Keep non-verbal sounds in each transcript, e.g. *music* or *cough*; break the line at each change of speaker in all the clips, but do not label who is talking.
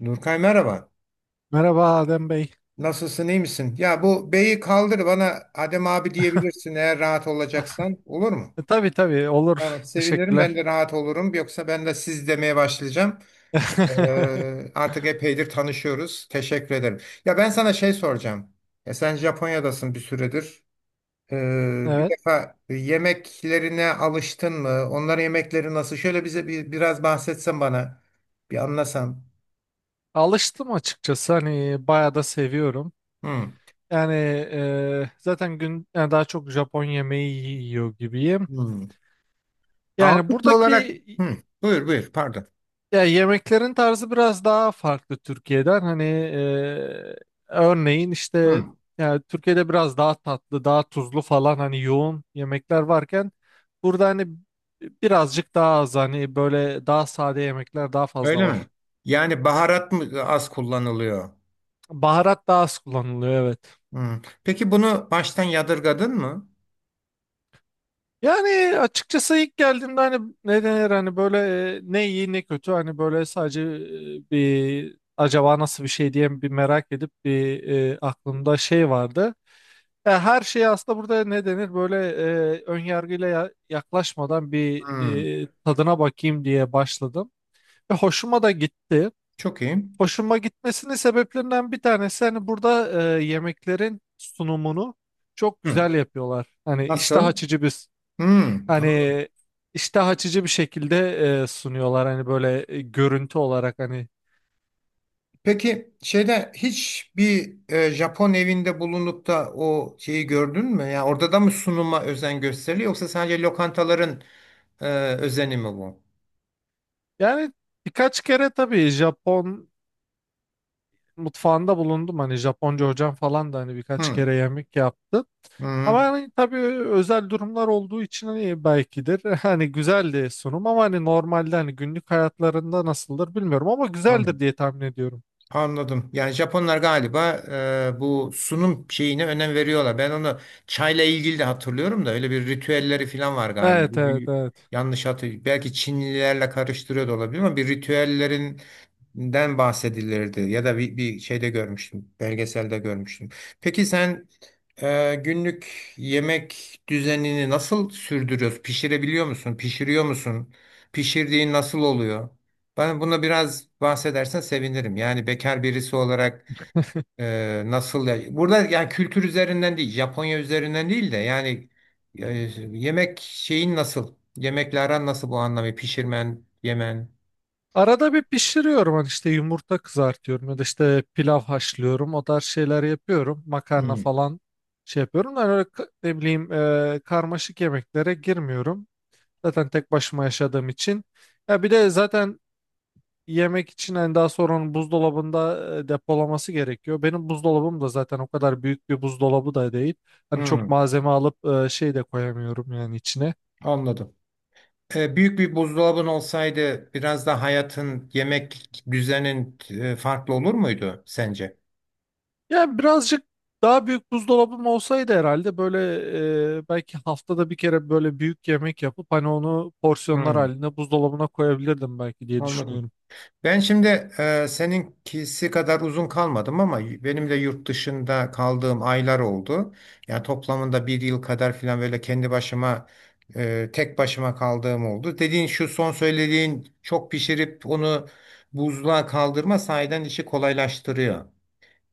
Nurkay merhaba.
Merhaba Adem Bey.
Nasılsın, iyi misin? Ya bu beyi kaldır bana Adem abi diyebilirsin eğer rahat
*laughs*
olacaksan. Olur mu?
Tabii tabii
Tamam,
olur.
sevinirim. Ben
Teşekkürler.
de rahat olurum. Yoksa ben de siz demeye başlayacağım.
*laughs*
Artık epeydir tanışıyoruz. Teşekkür ederim. Ya ben sana şey soracağım. Ya sen Japonya'dasın bir süredir. Bir
Evet.
defa yemeklerine alıştın mı? Onların yemekleri nasıl? Şöyle bize biraz bahsetsen bana. Bir anlasam.
Alıştım açıkçası. Hani bayağı da seviyorum.
Hmm.
Yani zaten gün yani daha çok Japon yemeği yiyor gibiyim.
Hmm.
Yani
Ağırlıklı olarak.
buradaki
Hı, buyur buyur pardon.
Ya yemeklerin tarzı biraz daha farklı Türkiye'den. Hani örneğin işte
Hı,
yani Türkiye'de biraz daha tatlı, daha tuzlu falan hani yoğun yemekler varken burada hani birazcık daha az hani böyle daha sade yemekler daha fazla
öyle mi?
var.
Yani baharat mı az kullanılıyor?
Baharat daha az kullanılıyor, evet.
Hı. Peki bunu baştan yadırgadın mı?
Yani açıkçası ilk geldiğimde hani ne denir hani böyle ne iyi ne kötü hani böyle sadece bir acaba nasıl bir şey diye bir merak edip bir aklımda şey vardı. Ya her şey aslında burada ne denir böyle önyargıyla yaklaşmadan bir
Hı,
tadına bakayım diye başladım. Ve hoşuma da gitti.
çok iyi.
Hoşuma gitmesinin sebeplerinden bir tanesi hani burada yemeklerin sunumunu çok
Hı.
güzel yapıyorlar. Hani iştah
Nasıl?
açıcı bir
Hı. Tamam.
hani iştah açıcı bir şekilde sunuyorlar hani böyle görüntü olarak hani.
Peki şeyde hiç bir Japon evinde bulunup da o şeyi gördün mü? Yani orada da mı sunuma özen gösteriliyor yoksa sadece lokantaların e, özeni mi bu?
Yani birkaç kere tabii Japon mutfağında bulundum. Hani Japonca hocam falan da hani birkaç
Hı,
kere yemek yaptı. Ama
hı,
hani tabii özel durumlar olduğu için hani belkidir. *laughs* Hani güzeldi sunum ama hani normalde hani günlük hayatlarında nasıldır bilmiyorum ama güzeldir
anladım.
diye tahmin ediyorum.
Anladım. Yani Japonlar galiba bu sunum şeyine önem veriyorlar. Ben onu çayla ilgili de hatırlıyorum da öyle bir ritüelleri falan var galiba.
Evet evet evet.
Yanlış hatırlıyorum. Belki Çinlilerle karıştırıyor da olabilir ama bir ritüellerin den bahsedilirdi ya da bir şeyde görmüştüm, belgeselde görmüştüm. Peki sen günlük yemek düzenini nasıl sürdürüyorsun? Pişirebiliyor musun? Pişiriyor musun? Pişirdiğin nasıl oluyor? Bana buna biraz bahsedersen sevinirim. Yani bekar birisi olarak nasıl burada yani kültür üzerinden değil, Japonya üzerinden değil de yani e, yemek şeyin nasıl? Yemekle aran nasıl bu anlamı? Pişirmen, yemen.
Arada bir pişiriyorum, hani işte yumurta kızartıyorum ya da işte pilav haşlıyorum, o tarz şeyler yapıyorum. Makarna
Hmm.
falan şey yapıyorum. Yani öyle ne bileyim karmaşık yemeklere girmiyorum. Zaten tek başıma yaşadığım için. Ya bir de zaten yemek için hani daha sonra onun buzdolabında depolaması gerekiyor. Benim buzdolabım da zaten o kadar büyük bir buzdolabı da değil. Hani çok
Hmm,
malzeme alıp şey de koyamıyorum yani içine.
anladım. Büyük bir buzdolabın olsaydı biraz da hayatın, yemek düzenin farklı olur muydu sence?
Yani birazcık daha büyük buzdolabım olsaydı herhalde böyle belki haftada bir kere böyle büyük yemek yapıp hani onu porsiyonlar
Hmm,
halinde buzdolabına koyabilirdim belki diye
anladım.
düşünüyorum.
Ben şimdi seninkisi kadar uzun kalmadım ama benim de yurt dışında kaldığım aylar oldu. Yani toplamında bir yıl kadar falan böyle kendi başıma, tek başıma kaldığım oldu. Dediğin şu son söylediğin çok pişirip onu buzluğa kaldırma sahiden işi kolaylaştırıyor.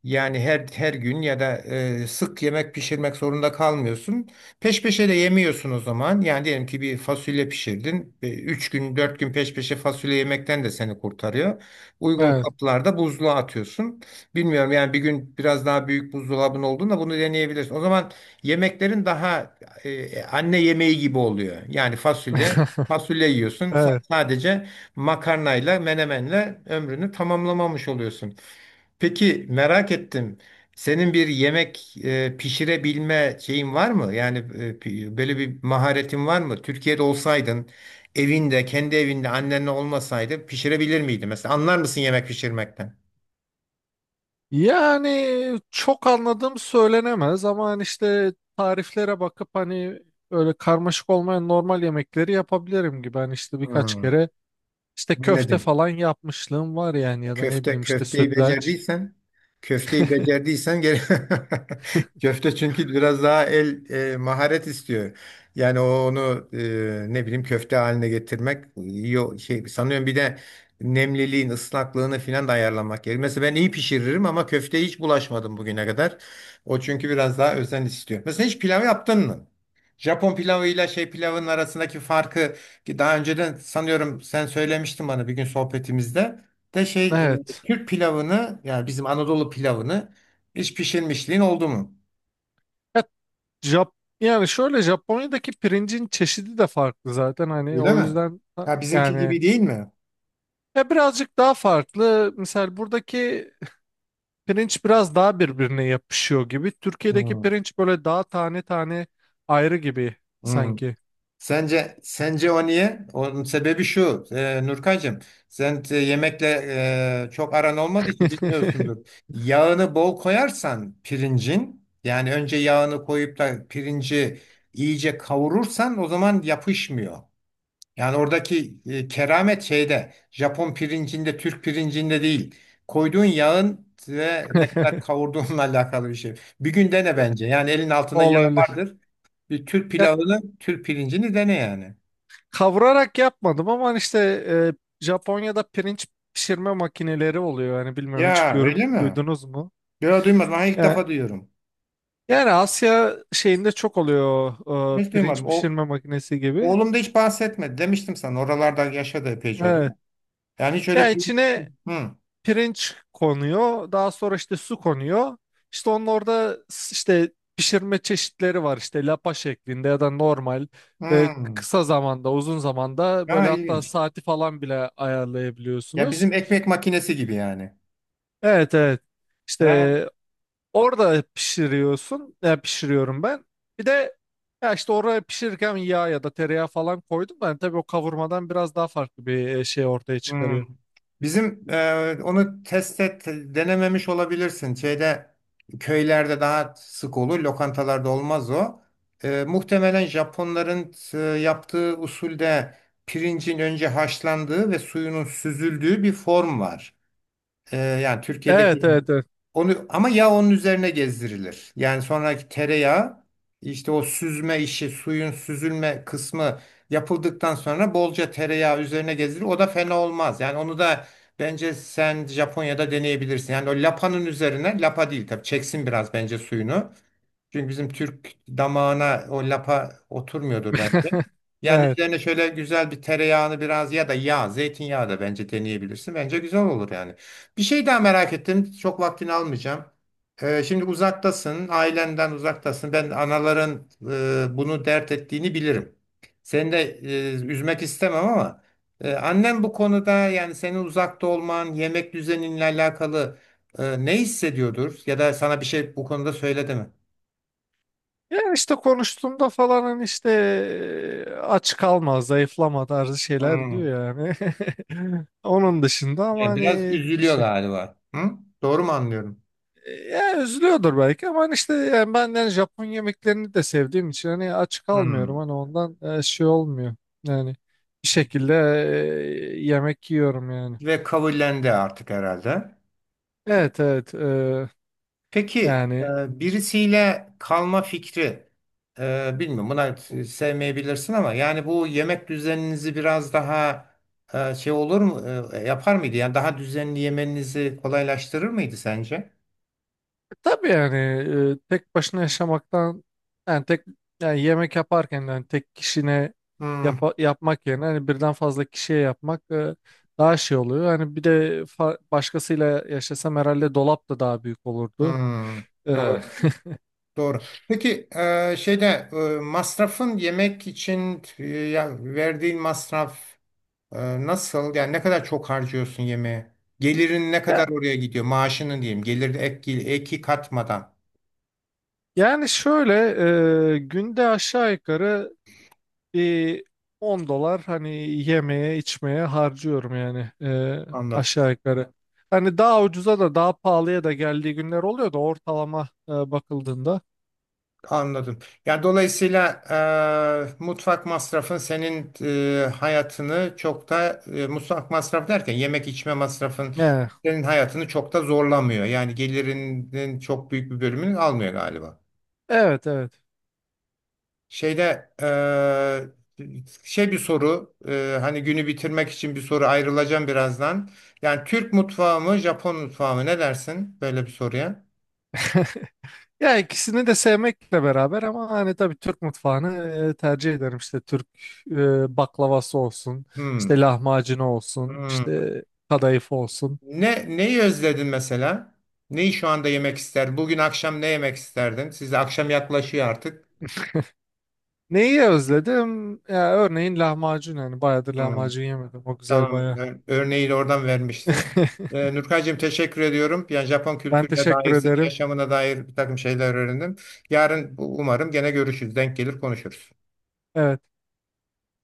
Yani her gün ya da sık yemek pişirmek zorunda kalmıyorsun. Peş peşe de yemiyorsun o zaman. Yani diyelim ki bir fasulye pişirdin. Üç gün, 4 gün peş peşe fasulye yemekten de seni kurtarıyor. Uygun
Evet.
kaplarda buzluğa atıyorsun. Bilmiyorum yani bir gün biraz daha büyük buzdolabın olduğunda bunu deneyebilirsin. O zaman yemeklerin daha anne yemeği gibi oluyor. Yani fasulye,
*laughs*
fasulye yiyorsun.
Evet.
Sadece makarnayla, menemenle ömrünü tamamlamamış oluyorsun. Peki merak ettim. Senin bir yemek pişirebilme şeyin var mı? Yani böyle bir maharetin var mı? Türkiye'de olsaydın, evinde, kendi evinde annenle olmasaydı pişirebilir miydin? Mesela anlar mısın yemek pişirmekten?
Yani çok anladığım söylenemez ama hani işte tariflere bakıp hani öyle karmaşık olmayan normal yemekleri yapabilirim gibi. Hani işte birkaç
Hmm.
kere işte köfte
Anladın.
falan yapmışlığım var yani, ya da ne
Köfte
bileyim işte
köfteyi
sütlaç.
becerdiysen köfteyi becerdiysen gene *laughs* köfte çünkü biraz daha el maharet istiyor. Yani onu ne bileyim köfte haline getirmek yo, şey sanıyorum bir de nemliliğin ıslaklığını filan da ayarlamak gerekiyor. Mesela ben iyi pişiririm ama köfteye hiç bulaşmadım bugüne kadar. O çünkü biraz daha özen istiyor. Mesela hiç pilav yaptın mı? Japon pilavıyla şey pilavın arasındaki farkı ki daha önceden sanıyorum sen söylemiştin bana bir gün sohbetimizde de şey
Evet.
Türk pilavını yani bizim Anadolu pilavını hiç pişirmişliğin oldu mu?
Ya, Jap yani şöyle Japonya'daki pirincin çeşidi de farklı zaten hani
Öyle
o
mi?
yüzden
Ha bizimki
yani
gibi değil mi?
ya birazcık daha farklı. Mesela buradaki pirinç biraz daha birbirine yapışıyor gibi. Türkiye'deki
Hmm,
pirinç böyle daha tane tane ayrı gibi
hmm.
sanki.
Sence o niye? Onun sebebi şu. Nurkacığım, sen yemekle çok aran olmadığı için
*laughs*
bilmiyorsundur. Yağını bol koyarsan pirincin yani önce yağını koyup da pirinci iyice kavurursan o zaman yapışmıyor. Yani oradaki keramet şeyde Japon pirincinde, Türk pirincinde değil. Koyduğun yağın ve ne kadar kavurduğunla *laughs* alakalı bir şey. Bir gün dene bence. Yani elin altında yağ
Olabilir.
vardır. Bir Türk
Ya
pilavını, Türk pirincini dene yani.
kavurarak yapmadım ama hani işte Japonya'da pirinç pişirme makineleri oluyor. Yani bilmiyorum, hiç
Ya
görüp
öyle mi?
duydunuz mu?
Böyle duymadım. Ha, ilk defa
Ya,
duyuyorum.
yani Asya şeyinde çok oluyor,
Hiç duymadım.
pirinç pişirme makinesi gibi.
Oğlum da hiç bahsetmedi. Demiştim sana. Oralarda yaşadı epeyce o da.
Evet.
Yani hiç öyle...
Ya içine
Hı hı.
pirinç konuyor. Daha sonra işte su konuyor. İşte onun orada işte pişirme çeşitleri var. İşte lapa şeklinde ya da normal e, kısa zamanda, uzun zamanda böyle,
Ha,
hatta
ilginç.
saati falan bile
Ya
ayarlayabiliyorsunuz.
bizim ekmek makinesi gibi yani.
Evet evet.
Ha?
İşte orada pişiriyorsun. Ya pişiriyorum ben. Bir de ya işte oraya pişirirken yağ ya da tereyağı falan koydum. Ben, tabii o kavurmadan biraz daha farklı bir şey ortaya
Hmm.
çıkarıyor.
Bizim onu test et denememiş olabilirsin. Şeyde köylerde daha sık olur, lokantalarda olmaz o. Muhtemelen Japonların yaptığı usulde pirincin önce haşlandığı ve suyunun süzüldüğü bir form var. Yani
Evet
Türkiye'deki
evet evet.
onu ama yağ onun üzerine gezdirilir. Yani sonraki tereyağı işte o süzme işi, suyun süzülme kısmı yapıldıktan sonra bolca tereyağı üzerine gezdirilir. O da fena olmaz. Yani onu da bence sen Japonya'da deneyebilirsin. Yani o lapanın üzerine, lapa değil tabii çeksin biraz bence suyunu. Çünkü bizim Türk damağına o lapa oturmuyordur bence.
*laughs*
Yani
Evet.
üzerine şöyle güzel bir tereyağını biraz ya da yağ, zeytinyağı da bence deneyebilirsin. Bence güzel olur yani. Bir şey daha merak ettim. Çok vaktini almayacağım. Şimdi uzaktasın, ailenden uzaktasın. Ben anaların bunu dert ettiğini bilirim. Seni de üzmek istemem ama annem bu konuda yani senin uzakta olman, yemek düzeninle alakalı ne hissediyordur? Ya da sana bir şey bu konuda söyledi mi?
Ya işte konuştuğumda falan hani işte aç kalma, zayıflama tarzı şeyler
Hmm.
diyor yani. *laughs* Onun dışında ama
Yani biraz
hani
üzülüyor galiba. Hı? Doğru mu anlıyorum?
ya üzülüyordur belki ama hani işte yani ben yani Japon yemeklerini de sevdiğim için hani aç kalmıyorum,
Hmm.
hani ondan şey olmuyor. Yani bir şekilde yemek yiyorum yani.
Ve kabullendi artık herhalde.
Evet evet,
Peki
yani
birisiyle kalma fikri bilmiyorum buna sevmeyebilirsin ama yani bu yemek düzeninizi biraz daha şey olur mu yapar mıydı? Yani daha düzenli yemenizi kolaylaştırır mıydı sence?
tabii yani tek başına yaşamaktan yani tek yani yemek yaparken yani tek kişine
Hmm.
yapmak yerine hani birden fazla kişiye yapmak daha şey oluyor. Hani bir de başkasıyla yaşasam herhalde dolap da daha büyük olurdu.
Hmm.
E,
Doğru. Doğru. Peki şeyde masrafın yemek için ya verdiğin masraf. Nasıl? Yani ne kadar çok harcıyorsun yemeğe? Gelirin ne
ya-
kadar oraya gidiyor? Maaşının diyeyim. Gelir eki katmadan.
yani şöyle günde aşağı yukarı bir 10 dolar hani yemeye içmeye harcıyorum yani,
Anladım.
aşağı yukarı. Hani daha ucuza da daha pahalıya da geldiği günler oluyor da ortalama bakıldığında.
Anladım. Yani dolayısıyla mutfak masrafın senin hayatını çok da mutfak masrafı derken yemek içme masrafın
Yani,
senin hayatını çok da zorlamıyor. Yani gelirinin çok büyük bir bölümünü almıyor galiba.
evet evet.
Şeyde eee, şey bir soru hani günü bitirmek için bir soru ayrılacağım birazdan. Yani Türk mutfağı mı Japon mutfağı mı ne dersin böyle bir soruya?
Ya ikisini de sevmekle beraber ama hani tabii Türk mutfağını tercih ederim. İşte Türk baklavası olsun, işte
Hmm,
lahmacunu olsun,
hmm.
işte kadayıf olsun.
Neyi özledin mesela? Neyi şu anda yemek ister? Bugün akşam ne yemek isterdin? Siz de akşam yaklaşıyor artık.
Neyi özledim? Ya örneğin lahmacun, yani bayağıdır
Hmm.
lahmacun yemedim. O güzel
Tamam.
bayağı.
Örneği de oradan vermiştin.
*laughs*
Nurkaycığım teşekkür ediyorum. Yani Japon
Ben
kültürüne
teşekkür
dair, senin
ederim.
yaşamına dair bir takım şeyler öğrendim. Yarın umarım gene görüşürüz. Denk gelir konuşuruz.
Evet.